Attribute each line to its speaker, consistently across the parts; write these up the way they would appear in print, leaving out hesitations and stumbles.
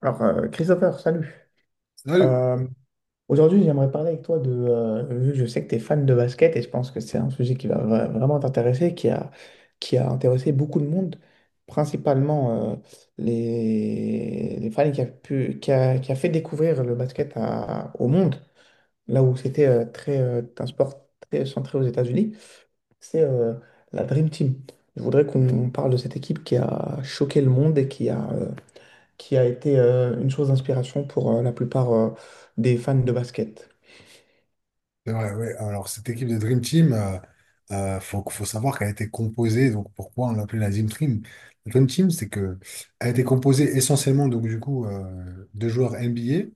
Speaker 1: Alors, Christopher, salut.
Speaker 2: Salut.
Speaker 1: Euh, Aujourd'hui, j'aimerais parler avec toi de... vu que je sais que tu es fan de basket et je pense que c'est un sujet qui va vraiment t'intéresser, qui a intéressé beaucoup de monde, principalement les fans et qui a pu, qui a fait découvrir le basket au monde, là où c'était très, un sport très centré aux États-Unis, c'est la Dream Team. Je voudrais qu'on parle de cette équipe qui a choqué le monde et qui a été une chose d'inspiration pour la plupart des fans de basket.
Speaker 2: C'est vrai, ouais. Alors, cette équipe de Dream Team, faut savoir qu'elle a été composée, donc pourquoi on l'appelait la Dream Team? La Dream Team, c'est que elle a été composée essentiellement, donc du coup, de joueurs NBA,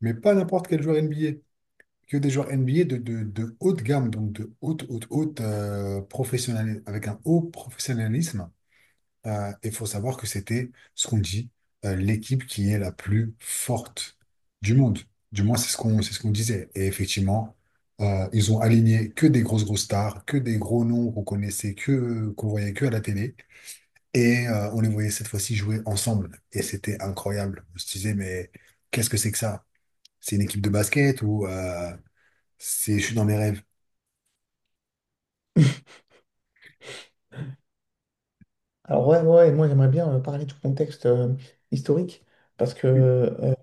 Speaker 2: mais pas n'importe quel joueur NBA, que des joueurs NBA de haute gamme, donc de haute, haute, haute avec un haut professionnalisme. Il faut savoir que c'était ce qu'on dit, l'équipe qui est la plus forte du monde. Du moins, c'est ce qu'on disait. Et effectivement, ils ont aligné que des grosses grosses stars, que des gros noms qu'on connaissait, que qu'on voyait que à la télé. Et on les voyait cette fois-ci jouer ensemble. Et c'était incroyable. On se disait, mais qu'est-ce que c'est que ça? C'est une équipe de basket ou c'est je suis dans mes rêves?
Speaker 1: Alors, ouais, ouais, ouais, moi j'aimerais bien parler du contexte historique, parce que
Speaker 2: Oui,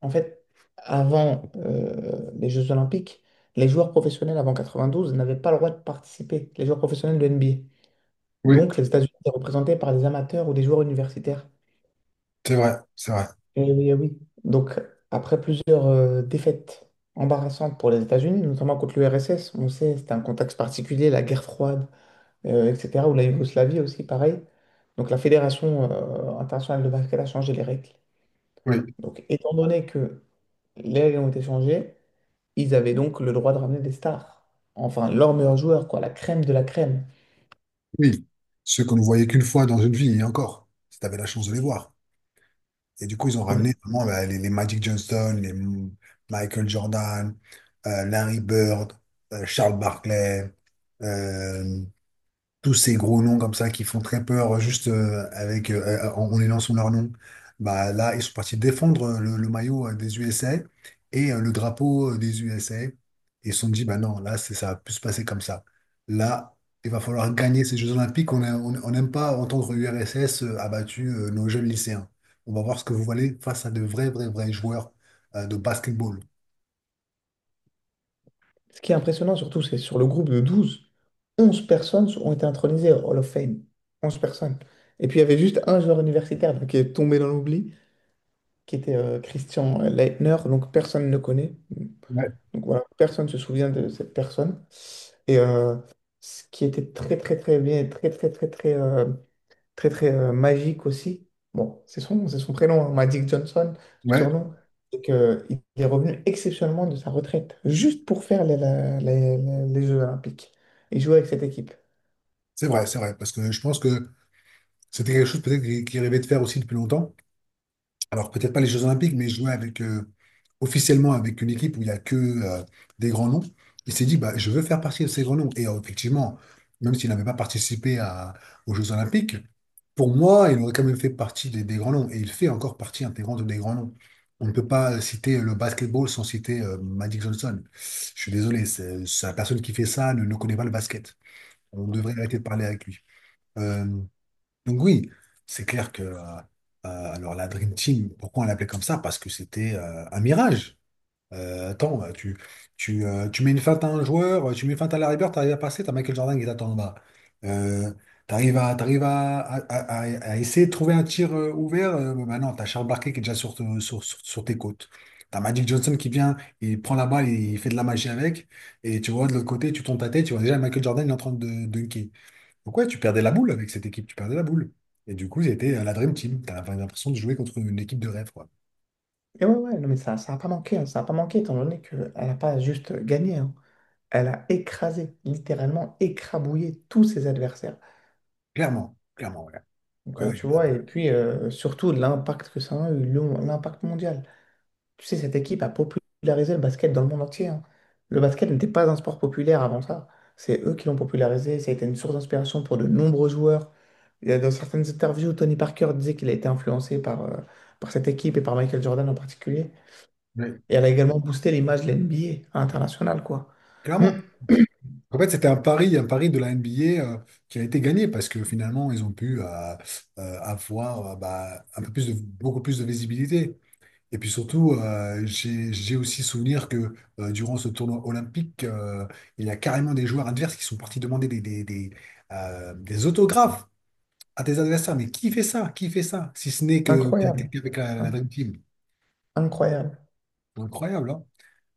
Speaker 1: en fait, avant les Jeux Olympiques, les joueurs professionnels avant 92 n'avaient pas le droit de participer, les joueurs professionnels de NBA.
Speaker 2: oui,
Speaker 1: Donc les États-Unis étaient représentés par des amateurs ou des joueurs universitaires.
Speaker 2: c'est vrai, c'est vrai.
Speaker 1: Eh oui, eh oui. Donc, après plusieurs défaites embarrassantes pour les États-Unis, notamment contre l'URSS, on sait, c'était un contexte particulier, la guerre froide, etc., ou la Yougoslavie aussi, pareil. Donc, la Fédération internationale de basket a changé les règles.
Speaker 2: Oui,
Speaker 1: Donc, étant donné que les règles ont été changées, ils avaient donc le droit de ramener des stars. Enfin, leurs meilleurs joueurs, quoi, la crème de la crème.
Speaker 2: oui. Ceux qu'on ne voyait qu'une fois dans une vie, et encore, si tu avais la chance de les voir. Et du coup, ils ont
Speaker 1: Mais
Speaker 2: ramené vraiment bah, les Magic Johnson, Michael Jordan, Larry Bird, Charles Barkley. euh, Tous ces gros noms comme ça qui font très peur juste avec en énonçant leur nom. Bah là, ils sont partis défendre le maillot des USA et le drapeau des USA. Et ils se sont dit, bah non, là, c'est, ça va plus se passer comme ça. Là, il va falloir gagner ces Jeux Olympiques. On n'aime pas entendre URSS a nos jeunes lycéens. On va voir ce que vous valez face à de vrais, vrais, vrais joueurs de basketball.
Speaker 1: Ce qui est impressionnant surtout, c'est sur le groupe de 12, 11 personnes ont été intronisées au Hall of Fame. 11 personnes. Et puis il y avait juste un joueur universitaire donc, qui est tombé dans l'oubli, qui était Christian Leitner, donc personne ne connaît.
Speaker 2: Ouais,
Speaker 1: Donc voilà, personne ne se souvient de cette personne. Et euh, Ce qui était très très très bien, très très très très, très très magique aussi. Bon, c'est son prénom, hein, Magic Johnson,
Speaker 2: ouais,
Speaker 1: surnom. Et que, il est revenu exceptionnellement de sa retraite, juste pour faire les, la- les Jeux Olympiques et jouer avec cette équipe.
Speaker 2: c'est vrai, c'est vrai. Parce que je pense que c'était quelque chose peut-être qu'ils rêvaient de faire aussi depuis longtemps. Alors peut-être pas les Jeux Olympiques, mais jouer avec, officiellement avec une équipe où il n'y a que des grands noms. Il s'est dit, bah, je veux faire partie de ces grands noms. Et effectivement, même s'il n'avait pas aux Jeux Olympiques, pour moi, il aurait quand même fait partie des grands noms. Et il fait encore partie intégrante des grands noms. On ne peut pas citer le basketball sans citer Magic Johnson. Je suis désolé, c'est la personne qui fait ça ne connaît pas le basket. On devrait arrêter de parler avec lui. Euh, donc oui, c'est clair que alors la Dream Team, pourquoi on l'appelait comme ça? Parce que c'était un mirage. Attends, tu mets une feinte à un joueur, tu mets une feinte à Larry Bird, t'arrives à passer, t'as Michael Jordan qui t'attend en bas. Euh, t'arrives à, t'arrives à- À essayer de trouver un tir ouvert, bah non, t'as Charles Barkley qui est déjà sur, te- sur, sur, sur tes côtes. T'as Magic Johnson qui vient, il prend la balle, il fait de la magie avec, et tu vois de l'autre côté, tu tournes ta tête, tu vois déjà Michael Jordan, il est en train de dunker. Donc ouais, tu perdais la boule avec cette équipe, tu perdais la boule. Et du coup, c'était la Dream Team. T'avais l'impression de jouer contre une équipe de rêve, quoi.
Speaker 1: Et ouais, ouais, non, mais ça n'a pas manqué, hein, ça n'a pas manqué, étant donné qu'elle n'a pas juste gagné, hein. Elle a écrasé, littéralement écrabouillé tous ses adversaires.
Speaker 2: Clairement, clairement, ouais.
Speaker 1: Donc,
Speaker 2: Ouais, ouais,
Speaker 1: tu
Speaker 2: ah,
Speaker 1: vois,
Speaker 2: bah,
Speaker 1: et puis surtout l'impact que ça a eu, l'impact mondial. Tu sais, cette équipe a popularisé le basket dans le monde entier, hein. Le basket n'était pas un sport populaire avant ça. C'est eux qui l'ont popularisé. Ça a été une source d'inspiration pour de nombreux joueurs. Dans certaines interviews, Tony Parker disait qu'il a été influencé par cette équipe et par Michael Jordan en particulier.
Speaker 2: ouais,
Speaker 1: Et elle a également boosté l'image de l'NBA à l'international, quoi. Hmm.
Speaker 2: clairement. En fait, c'était un pari de la NBA euh, qui a été gagné parce que finalement, ils ont pu avoir bah, un peu plus de, beaucoup plus de visibilité. Et puis surtout, j'ai aussi souvenir que durant ce tournoi olympique, il y a carrément des joueurs adverses qui sont partis demander des autographes à tes adversaires. Mais qui fait ça? Qui fait ça? Si ce n'est que qu'il y a
Speaker 1: Incroyable.
Speaker 2: quelqu'un avec la Dream
Speaker 1: In-
Speaker 2: Team.
Speaker 1: Incroyable.
Speaker 2: Incroyable, hein?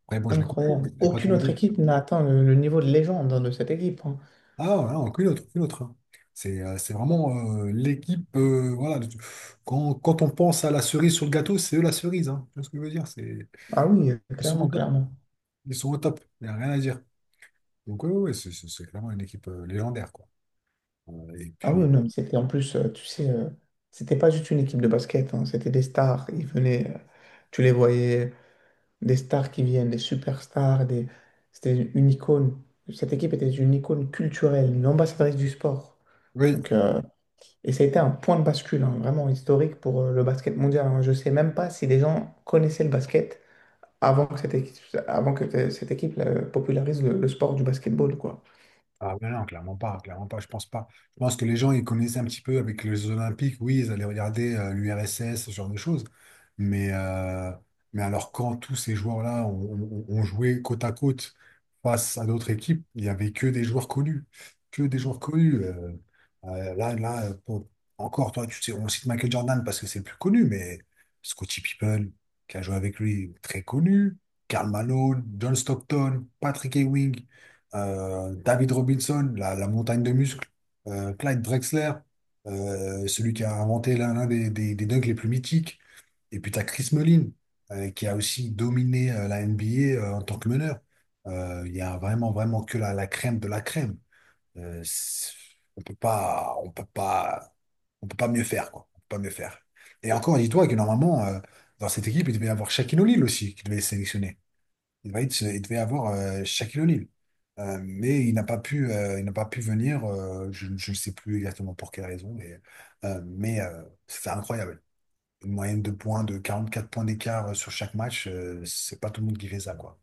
Speaker 2: Après, bon, je les comprends,
Speaker 1: Incroyable.
Speaker 2: c'est pas tous
Speaker 1: Aucune
Speaker 2: les
Speaker 1: autre
Speaker 2: jours.
Speaker 1: équipe n'a atteint le niveau de légende, hein, de cette équipe, hein.
Speaker 2: Ah, voilà, aucune autre, aucune autre, hein. C'est vraiment l'équipe. Voilà, quand on pense à la cerise sur le gâteau, c'est eux la cerise. Hein. Tu vois ce que je veux dire?
Speaker 1: Ah oui,
Speaker 2: Ils sont au
Speaker 1: clairement,
Speaker 2: top.
Speaker 1: clairement.
Speaker 2: Ils sont au top. Il n'y a rien à dire. Donc, oui, c'est clairement une équipe légendaire, quoi. Et
Speaker 1: Ah oui,
Speaker 2: puis.
Speaker 1: non, mais c'était en plus, tu sais, c'était pas juste une équipe de basket, hein, c'était des stars. Ils venaient, tu les voyais, des stars qui viennent, des superstars, des... c'était une icône. Cette équipe était une icône culturelle, une ambassadrice du sport.
Speaker 2: Oui,
Speaker 1: Donc, et ça a été un point de bascule, hein, vraiment historique pour le basket mondial, hein. Je sais même pas si les gens connaissaient le basket avant que cette équipe, avant que cette équipe popularise le sport du basketball, quoi.
Speaker 2: ah mais non, clairement pas, je pense pas. Je pense que les gens, ils connaissaient un petit peu avec les Jeux Olympiques, oui, ils allaient regarder l'URSS, ce genre de choses. Mais, euh, mais alors quand tous ces joueurs-là ont joué côte à côte face à d'autres équipes, il n'y avait que des joueurs connus. Que des joueurs connus. Euh, là, là, euh, pour- Encore, toi, tu sais, on cite Michael Jordan parce que c'est le plus connu, mais Scottie Pippen, qui a joué avec lui, très connu. Karl Malone, John Stockton, Patrick Ewing, David Robinson, la montagne de muscles, Clyde Drexler, celui qui a inventé l'un des dunks les plus mythiques. Et puis tu as Chris Mullin, qui a aussi dominé la NBA en tant que meneur. Il y a vraiment, vraiment que la crème de la crème. Euh, c'est- on peut pas, on peut pas, on peut pas mieux faire, quoi. On peut pas mieux faire. Et encore, dis-toi que normalement, dans cette équipe, il devait y avoir Shaquille O'Neal aussi, qui devait être sélectionné. Il devait avoir Shaquille O'Neal. Mais il n'a pas pu, venir. Je ne sais plus exactement pour quelle raison. Mais c'était incroyable. Une moyenne de points de 44 points d'écart sur chaque match, c'est pas tout le monde qui fait ça, quoi.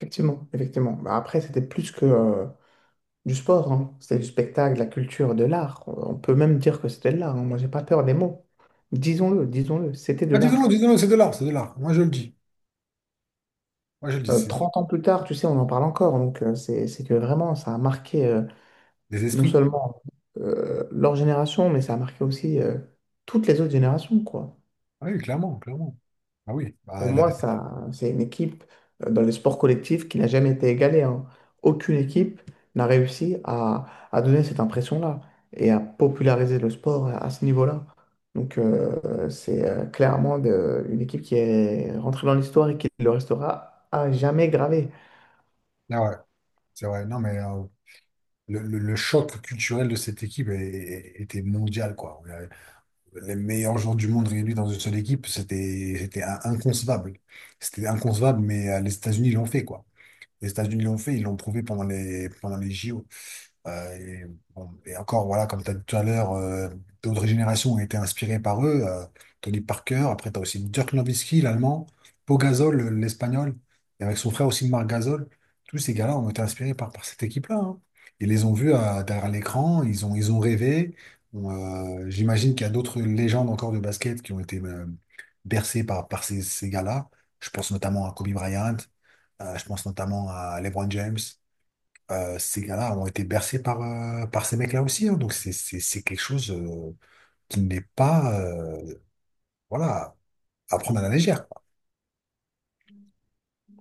Speaker 1: Effectivement, effectivement. Bah, après, c'était plus que du sport, hein. C'est du spectacle, de la culture, de l'art. On peut même dire que c'était de l'art, hein. Moi, j'ai pas peur des mots. Disons-le, disons-le, c'était de
Speaker 2: Ah, disons-le,
Speaker 1: l'art.
Speaker 2: disons-le, c'est de l'art, c'est de l'art. Moi, je le dis. Moi, je le dis. C'est
Speaker 1: 30 ans plus tard, tu sais, on en parle encore. Donc, c'est que vraiment, ça a marqué
Speaker 2: des
Speaker 1: non
Speaker 2: esprits.
Speaker 1: seulement leur génération, mais ça a marqué aussi toutes les autres générations, quoi.
Speaker 2: Ah oui, clairement, clairement. Ah oui,
Speaker 1: Pour
Speaker 2: bah, là,
Speaker 1: moi, ça, c'est une équipe dans les sports collectifs qui n'a jamais été égalée, hein. Aucune équipe n'a réussi à donner cette impression-là et à populariser le sport à ce niveau-là. Donc, c'est clairement une équipe qui est rentrée dans l'histoire et qui le restera à jamais gravée.
Speaker 2: là, ouais, c'est vrai. Non, mais le choc culturel de cette équipe était mondial, quoi. Les meilleurs joueurs du monde réunis dans une seule équipe, c'était inconcevable. C'était inconcevable, mais les États-Unis l'ont fait, quoi. Les États-Unis l'ont fait, ils l'ont prouvé pendant les JO. Et, bon, et encore, voilà, comme tu as dit tout à l'heure, d'autres générations ont été inspirées par eux. Tony Parker, après, tu as aussi Dirk Nowitzki, l'Allemand, Pau Gasol, l'Espagnol, et avec son frère aussi Marc Gasol. Tous ces gars-là ont été inspirés par cette équipe-là, hein. Ils les ont vus derrière l'écran, ils ont rêvé. Bon, j'imagine qu'il y a d'autres légendes encore de basket qui ont été bercées par ces gars-là. Je pense notamment à Kobe Bryant, je pense notamment à LeBron James. Ces gars-là ont été bercés par ces mecs-là aussi, hein. Donc c'est quelque chose qui n'est pas voilà, à prendre à la légère, quoi.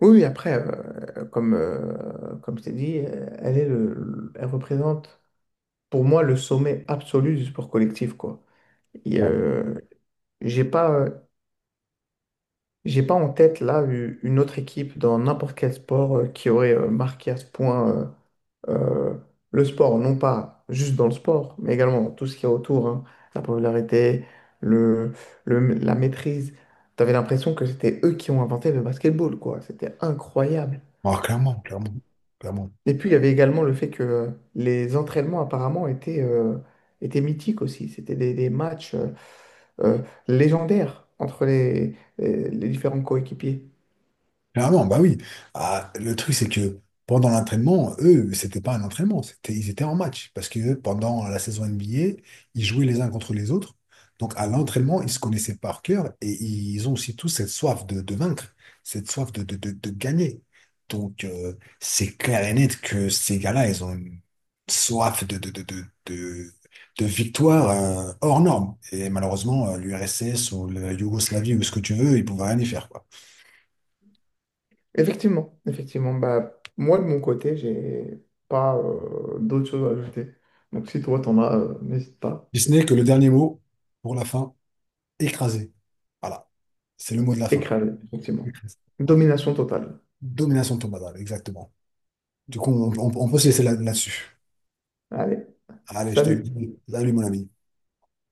Speaker 1: Oui, oui, après, comme je t'ai dit, elle représente pour moi le sommet absolu du sport collectif, quoi. Et,
Speaker 2: Ouais.
Speaker 1: euh, j'ai pas, euh, J'ai pas en tête là une autre équipe dans n'importe quel sport qui aurait marqué à ce point euh, euh, le sport, non pas juste dans le sport, mais également dans tout ce qu'il y a autour, hein. La popularité, le, la maîtrise. T'avais l'impression que c'était eux qui ont inventé le basketball, quoi. C'était incroyable.
Speaker 2: Ah, clairement, clairement, clairement.
Speaker 1: Et puis il y avait également le fait que les entraînements apparemment étaient, étaient mythiques aussi. C'était des matchs euh, légendaires entre les différents coéquipiers.
Speaker 2: Clairement, bah oui. Ah, le truc, c'est que pendant l'entraînement, eux, c'était pas un entraînement, c'était, ils étaient en match. Parce que pendant la saison NBA, ils jouaient les uns contre les autres. Donc à l'entraînement, ils se connaissaient par cœur et ils ont aussi tous cette soif de vaincre, cette soif de gagner. Donc c'est clair et net que ces gars-là, ils ont une soif de victoire hors norme. Et malheureusement, l'URSS ou la Yougoslavie ou ce que tu veux, ils pouvaient rien y faire, quoi.
Speaker 1: Effectivement, effectivement. Bah, moi, de mon côté, j'ai pas d'autres choses à ajouter. Donc, si toi, t'en as, n'hésite pas.
Speaker 2: Si ce n'est que le dernier mot pour la fin, écrasé. Voilà. C'est le mot de la fin.
Speaker 1: Écrasé, effectivement.
Speaker 2: Écrasé. Voilà.
Speaker 1: Domination totale.
Speaker 2: Domination de exactement. Du coup, on peut se laisser là-dessus.
Speaker 1: Allez,
Speaker 2: Allez, je te dis,
Speaker 1: salut!
Speaker 2: bon, salut mon ami.